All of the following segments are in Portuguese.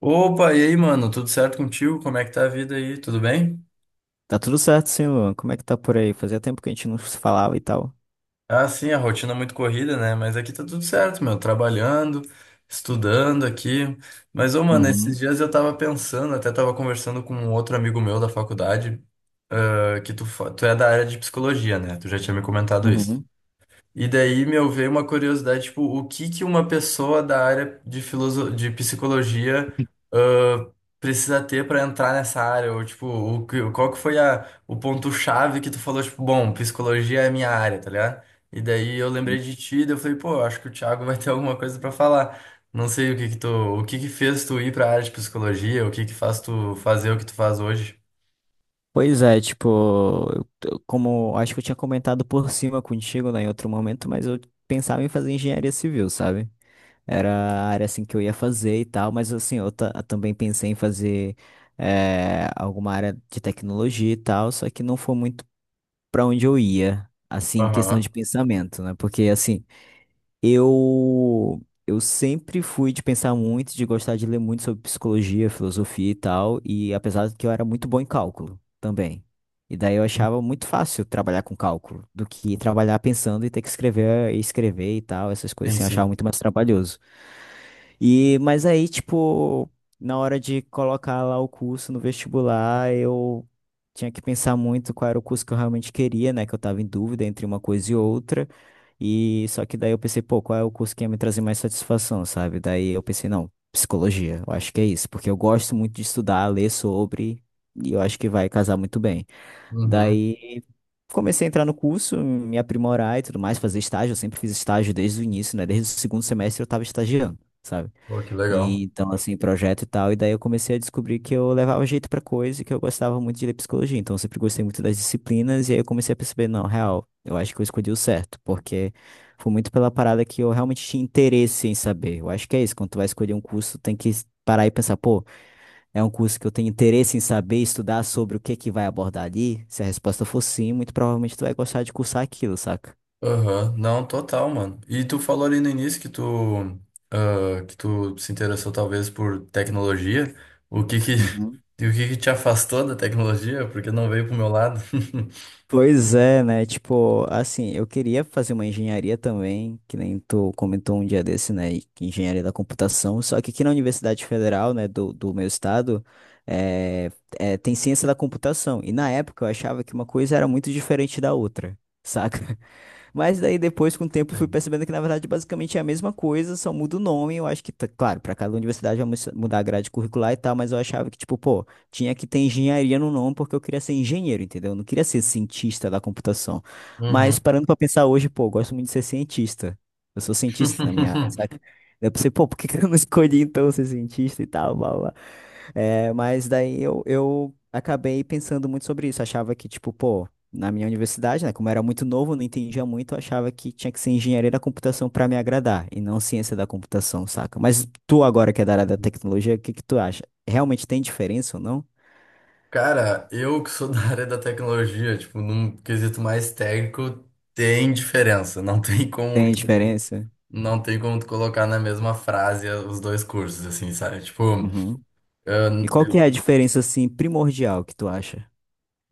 Opa, e aí, mano? Tudo certo contigo? Como é que tá a vida aí? Tudo bem? Tá tudo certo, sim, Luan. Como é que tá por aí? Fazia tempo que a gente não se falava e tal. Ah, sim, a rotina é muito corrida, né? Mas aqui tá tudo certo, meu. Trabalhando, estudando aqui. Mas, ô, mano, esses Uhum, dias eu tava pensando, até tava conversando com um outro amigo meu da faculdade, ah, que tu é da área de psicologia, né? Tu já tinha me comentado isso. uhum. E daí, meu, veio uma curiosidade, tipo, o que que uma pessoa da área de psicologia, ãh, precisa ter para entrar nessa área? Ou, tipo, qual que foi o ponto-chave que tu falou, tipo, bom, psicologia é a minha área, tá ligado? E daí eu lembrei de ti, daí eu falei, pô, acho que o Thiago vai ter alguma coisa para falar. Não sei o que que tu... o que que fez tu ir pra área de psicologia, o que que faz tu fazer o que tu faz hoje. Pois é, tipo, como acho que eu tinha comentado por cima contigo, né, em outro momento, mas eu pensava em fazer engenharia civil, sabe? Era a área assim que eu ia fazer e tal, mas assim, também pensei em fazer alguma área de tecnologia e tal, só que não foi muito pra onde eu ia, assim, em questão Aham. de pensamento, né? Porque assim, Eu eu sempre fui de pensar muito, de gostar de ler muito sobre psicologia, filosofia e tal, e apesar de que eu era muito bom em cálculo também. E daí eu achava muito fácil trabalhar com cálculo do que trabalhar pensando e ter que escrever e escrever e tal, essas coisas Sim, assim, eu achava sim. muito mais trabalhoso. E, mas aí, tipo, na hora de colocar lá o curso no vestibular, eu tinha que pensar muito qual era o curso que eu realmente queria, né? Que eu tava em dúvida entre uma coisa e outra. E só que daí eu pensei, pô, qual é o curso que ia me trazer mais satisfação, sabe? Daí eu pensei, não, psicologia, eu acho que é isso, porque eu gosto muito de estudar, ler sobre, e eu acho que vai casar muito bem. Uhum. Daí comecei a entrar no curso, me aprimorar e tudo mais, fazer estágio, eu sempre fiz estágio desde o início, né? Desde o segundo semestre eu tava estagiando, sabe? Pô, que E, legal. então, assim, projeto e tal. E daí eu comecei a descobrir que eu levava jeito pra coisa e que eu gostava muito de ler psicologia. Então, eu sempre gostei muito das disciplinas. E aí eu comecei a perceber, não, real, eu acho que eu escolhi o certo. Porque foi muito pela parada que eu realmente tinha interesse em saber. Eu acho que é isso. Quando tu vai escolher um curso, tem que parar e pensar, pô, é um curso que eu tenho interesse em saber, estudar sobre o que que vai abordar ali. Se a resposta for sim, muito provavelmente tu vai gostar de cursar aquilo, saca? Aham. Não, total, mano. E tu falou ali no início que tu, ah, que tu se interessou talvez por tecnologia. O que que, Uhum. e o que que te afastou da tecnologia? Porque não veio pro meu lado. Pois é, né? Tipo, assim, eu queria fazer uma engenharia também, que nem tu comentou um dia desse, né? E que engenharia da computação. Só que aqui na Universidade Federal, né, do meu estado, é, tem ciência da computação. E na época eu achava que uma coisa era muito diferente da outra, saca? Mas daí depois, com o tempo, fui Sim. percebendo que, na verdade, basicamente é a mesma coisa, só muda o nome. Eu acho que, claro, para cada universidade vai mudar a grade curricular e tal, mas eu achava que, tipo, pô, tinha que ter engenharia no nome porque eu queria ser engenheiro, entendeu? Eu não queria ser cientista da computação. Mas Uhum. parando pra pensar hoje, pô, eu gosto muito de ser cientista. Eu sou cientista na minha área, saca? Daí eu pensei, pô, por que que eu não escolhi então ser cientista e tal, blá, blá. É, mas daí eu acabei pensando muito sobre isso. Achava que, tipo, pô, na minha universidade, né, como eu era muito novo, não entendia muito, eu achava que tinha que ser engenharia da computação pra me agradar e não ciência da computação, saca? Mas tu agora que é da área da tecnologia, o que que tu acha? Realmente tem diferença ou não? Cara, eu que sou da área da tecnologia, tipo, num quesito mais técnico, tem diferença. Não tem como, Tem diferença? não tem como tu colocar na mesma frase os dois cursos, assim, sabe? Tipo, Uhum. ah, E qual que é a diferença, assim, primordial que tu acha?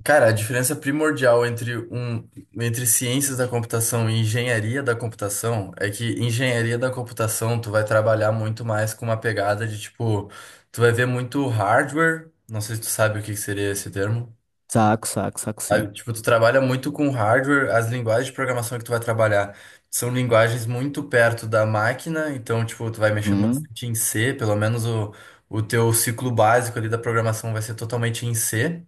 cara, a diferença primordial entre, entre ciências da computação e engenharia da computação é que engenharia da computação tu vai trabalhar muito mais com uma pegada de tipo, tu vai ver muito hardware, não sei se tu sabe o que que seria esse termo. Saco, saco, saco, sim. Sabe? Tipo, tu trabalha muito com hardware, as linguagens de programação que tu vai trabalhar são linguagens muito perto da máquina, então tipo, tu vai mexer Uhum. bastante em C, pelo menos o teu ciclo básico ali da programação vai ser totalmente em C.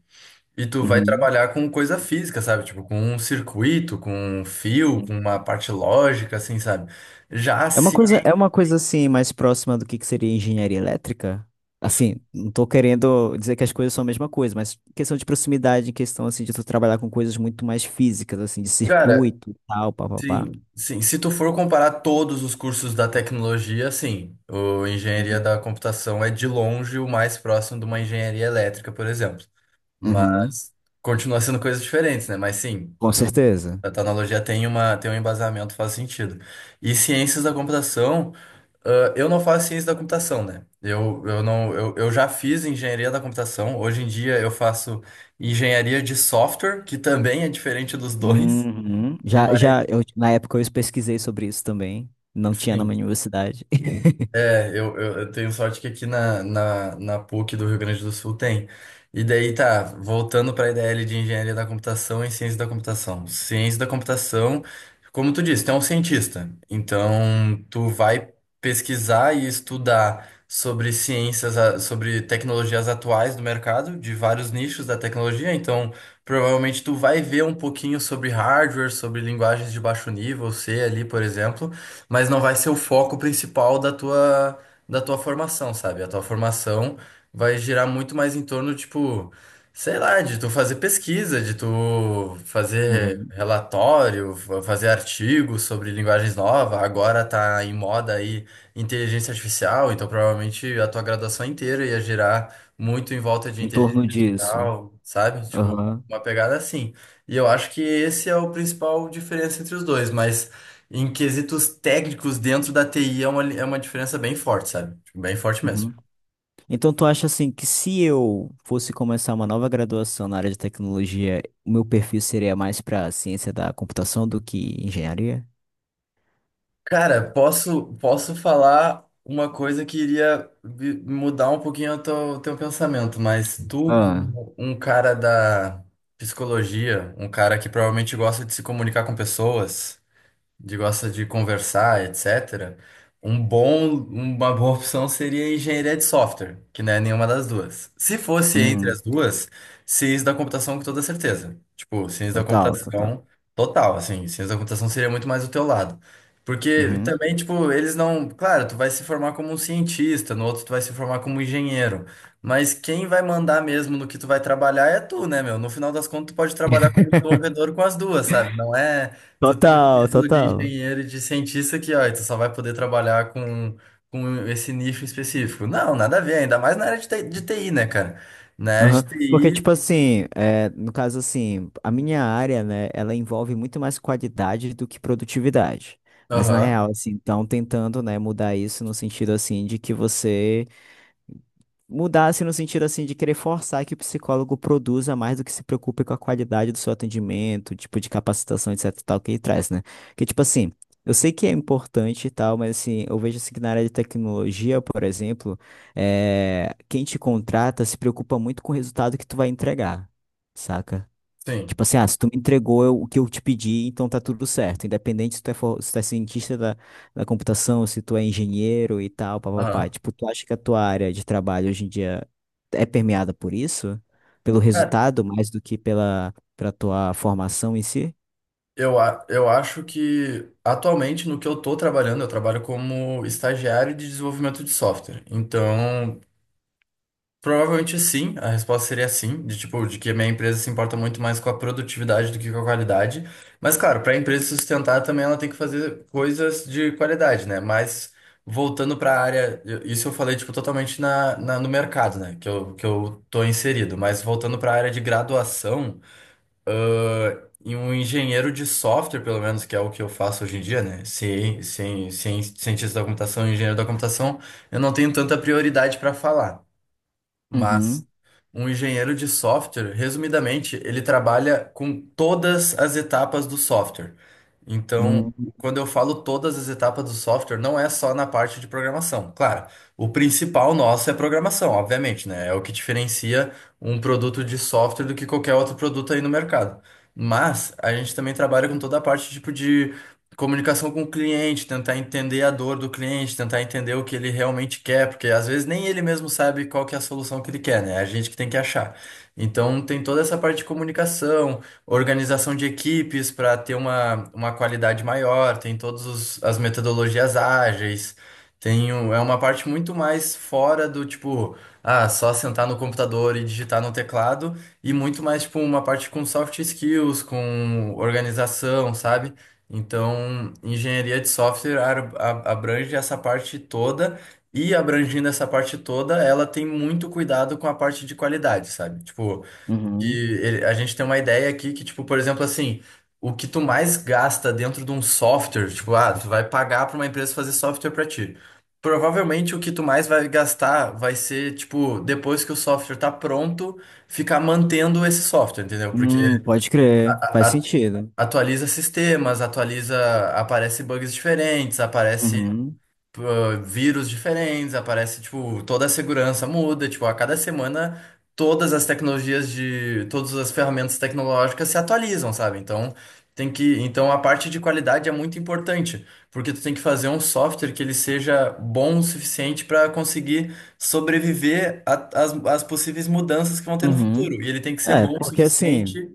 E tu vai Uhum. trabalhar com coisa física, sabe? Tipo, com um circuito, com um fio, com uma parte lógica, assim, sabe? Já É uma se. coisa, ah, é uma coisa assim mais próxima do que seria engenharia elétrica? Assim, não tô querendo dizer que as coisas são a mesma coisa, mas questão de proximidade, questão assim de tu trabalhar com coisas muito mais físicas, assim, de Cara, circuito, e tal, papapá. sim, sim. Se tu for comparar todos os cursos da tecnologia, sim. O engenharia Uhum. da computação é de longe o mais próximo de uma engenharia elétrica, por exemplo. Uhum. Mas continua sendo coisas diferentes, né? Mas sim, Com certeza. a tecnologia tem tem um embasamento, faz sentido. E ciências da computação. Ah, eu não faço ciência da computação, né? Eu não, eu já fiz engenharia da computação. Hoje em dia eu faço engenharia de software, que também é diferente dos dois. Uhum. Já, Mas, já, eu, na época eu pesquisei sobre isso também. Não tinha na minha sim. universidade. É, eu tenho sorte que aqui na PUC do Rio Grande do Sul tem. E daí tá, voltando para a IDL de Engenharia da Computação e Ciência da Computação. Ciência da Computação, como tu disse, tu é um cientista. Então, tu vai pesquisar e estudar sobre ciências, sobre tecnologias atuais do mercado, de vários nichos da tecnologia. Então, provavelmente tu vai ver um pouquinho sobre hardware, sobre linguagens de baixo nível, C ali, por exemplo, mas não vai ser o foco principal da da tua formação, sabe? A tua formação vai girar muito mais em torno, tipo, sei lá, de tu fazer pesquisa, de tu fazer Uhum. relatório, fazer artigos sobre linguagens novas. Agora tá em moda aí inteligência artificial, então provavelmente a tua graduação inteira ia girar muito em volta de Em inteligência torno disso. artificial, sabe? Tipo, Aham. uma pegada assim. E eu acho que esse é o principal diferença entre os dois, mas em quesitos técnicos dentro da TI é é uma diferença bem forte, sabe? Tipo, bem forte mesmo. Uhum. Então, tu acha assim que se eu fosse começar uma nova graduação na área de tecnologia, o meu perfil seria mais para ciência da computação do que engenharia? Cara, posso, posso falar uma coisa que iria mudar um pouquinho o teu pensamento, mas tu, Ah, como um cara da psicologia, um cara que provavelmente gosta de se comunicar com pessoas, de gosta de conversar, etc. Um bom, uma boa opção seria engenharia de software, que não é nenhuma das duas. Se fosse entre uhum. as duas, ciência da computação com toda certeza. Tipo, ciência da Total, total. computação total, assim, ciência da computação seria muito mais do teu lado. Porque Uhum. também, tipo, eles não. Claro, tu vai se formar como um cientista, no outro tu vai se formar como engenheiro. Mas quem vai mandar mesmo no que tu vai trabalhar é tu, né, meu? No final das contas, tu pode trabalhar como desenvolvedor com as duas, sabe? Não é. Tu tem o Total, título de total. engenheiro e de cientista que, ó, e tu só vai poder trabalhar com esse nicho específico. Não, nada a ver, ainda mais na área de TI, de TI, né, cara? Na área de Aham. Porque, TI, tipo assim, é, no caso assim, a minha área, né, ela envolve muito mais qualidade do que produtividade. Mas na aham, real, assim, estão tentando, né, mudar isso no sentido assim de que você mudasse no sentido assim de querer forçar que o psicólogo produza mais do que se preocupe com a qualidade do seu atendimento, tipo de capacitação, etc, e tal, que ele traz, né? Porque, tipo assim, eu sei que é importante e tal, mas assim, eu vejo assim que na área de tecnologia, por exemplo, é quem te contrata se preocupa muito com o resultado que tu vai entregar, saca? sim, Tipo assim, ah, se tu me entregou o que eu te pedi, então tá tudo certo. Independente se tu é, se tu é cientista da computação, se tu é engenheiro e tal, papapá. aham. Tipo, tu acha que a tua área de trabalho hoje em dia é permeada por isso? Pelo Cara, resultado, mais do que pela tua formação em si? Eu acho que atualmente no que eu tô trabalhando, eu trabalho como estagiário de desenvolvimento de software. Então, provavelmente sim, a resposta seria sim, de tipo, de que a minha empresa se importa muito mais com a produtividade do que com a qualidade. Mas claro, para a empresa se sustentar também ela tem que fazer coisas de qualidade, né? Mas voltando para a área, isso eu falei tipo totalmente no mercado, né, que eu tô inserido, mas voltando para a área de graduação, e um engenheiro de software, pelo menos, que é o que eu faço hoje em dia, né? Cientista da computação, engenheiro da computação, eu não tenho tanta prioridade para falar. Mas Uhum, um engenheiro de software, resumidamente, ele trabalha com todas as etapas do software. Então, uhum, quando eu falo todas as etapas do software, não é só na parte de programação. Claro, o principal nosso é a programação, obviamente, né? É o que diferencia um produto de software do que qualquer outro produto aí no mercado. Mas a gente também trabalha com toda a parte tipo de comunicação com o cliente, tentar entender a dor do cliente, tentar entender o que ele realmente quer, porque às vezes nem ele mesmo sabe qual que é a solução que ele quer, né? É a gente que tem que achar. Então tem toda essa parte de comunicação, organização de equipes para ter uma qualidade maior, tem todas as metodologias ágeis, tem, é uma parte muito mais fora do tipo, ah, só sentar no computador e digitar no teclado, e muito mais tipo uma parte com soft skills, com organização, sabe? Então, engenharia de software abrange essa parte toda e abrangindo essa parte toda, ela tem muito cuidado com a parte de qualidade, sabe? Tipo, que uhum. A gente tem uma ideia aqui que, tipo, por exemplo, assim, o que tu mais gasta dentro de um software, tipo, ah, tu vai pagar para uma empresa fazer software para ti. Provavelmente o que tu mais vai gastar vai ser, tipo, depois que o software tá pronto, ficar mantendo esse software, entendeu? Porque Pode crer, faz a sentido. atualiza sistemas, atualiza, aparece bugs diferentes, aparece Uhum, ah, vírus diferentes, aparece, tipo, toda a segurança muda, tipo, a cada semana todas as tecnologias de, todas as ferramentas tecnológicas se atualizam, sabe? Então, tem que, então a parte de qualidade é muito importante, porque tu tem que fazer um software que ele seja bom o suficiente para conseguir sobreviver às possíveis mudanças que vão ter no uhum. futuro. E ele tem que ser É, bom o suficiente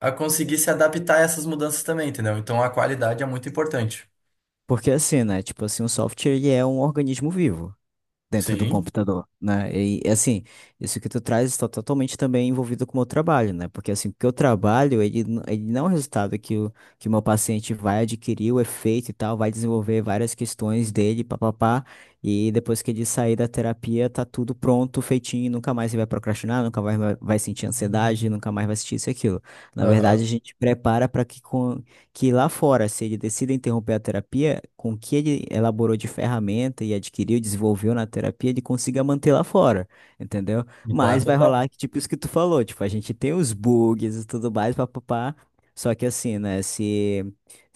a conseguir se adaptar a essas mudanças também, entendeu? Então a qualidade é muito importante. porque assim, né? Tipo assim, o software ele é um organismo vivo dentro do Sim. computador, né? E assim, isso que tu traz está totalmente também envolvido com o meu trabalho, né? Porque assim, o que eu trabalho, ele, ele não é um resultado que o meu paciente vai adquirir o efeito e tal, vai desenvolver várias questões dele, papapá, e depois que ele sair da terapia, tá tudo pronto, feitinho, nunca mais ele vai procrastinar, nunca mais vai sentir ansiedade, nunca mais vai sentir isso e aquilo. Na verdade, Aham. a gente prepara para que lá fora, se ele decide interromper a terapia, com o que ele elaborou de ferramenta e adquiriu, desenvolveu na terapia, ele consiga manter lá fora, entendeu? Então é Mas vai rolar, total. que, tipo, isso que tu falou, tipo, a gente tem os bugs e tudo mais, papapá. Só que assim, né,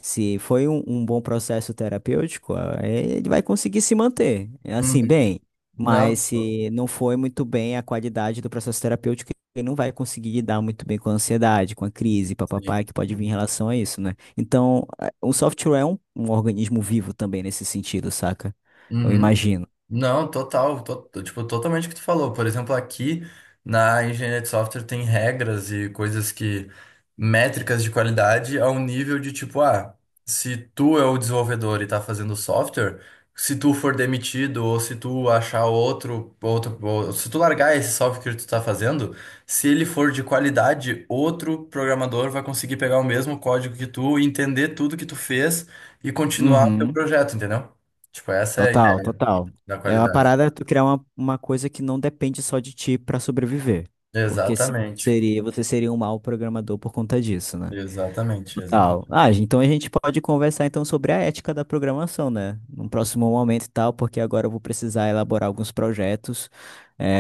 se foi um bom processo terapêutico, ah, ele vai conseguir se manter, é Uhum. assim, bem. Mas Não, tô- se não foi muito bem a qualidade do processo terapêutico, ele não vai conseguir lidar muito bem com a ansiedade, com a crise, papapá, sim. que pode vir em relação a isso, né? Então, o software é um organismo vivo também nesse sentido, saca? Eu Uhum. imagino. Não, tipo, totalmente o que tu falou. Por exemplo, aqui na engenharia de software tem regras e coisas que, métricas de qualidade ao nível de tipo, ah, se tu é o desenvolvedor e tá fazendo software, se tu for demitido ou se tu achar outro, ou se tu largar esse software que tu tá fazendo, se ele for de qualidade, outro programador vai conseguir pegar o mesmo código que tu, entender tudo que tu fez e continuar o teu Uhum. projeto, entendeu? Tipo, essa é a Total, ideia. total. Da É uma qualidade. parada tu criar uma coisa que não depende só de ti pra sobreviver. Porque Exatamente. seria, você seria um mau programador por conta disso, né? Exatamente, Total. exatamente. Ah, então a gente pode conversar então sobre a ética da programação, né? Num próximo momento e tal, porque agora eu vou precisar elaborar alguns projetos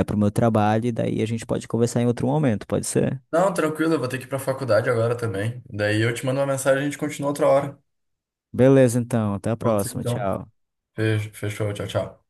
para o meu trabalho, e daí a gente pode conversar em outro momento, pode ser? Não, tranquilo, eu vou ter que ir pra faculdade agora também. Daí eu te mando uma mensagem e a gente continua outra hora. Beleza, então. Até a Pode ser próxima. então. Tchau. Fechou, tchau, tchau.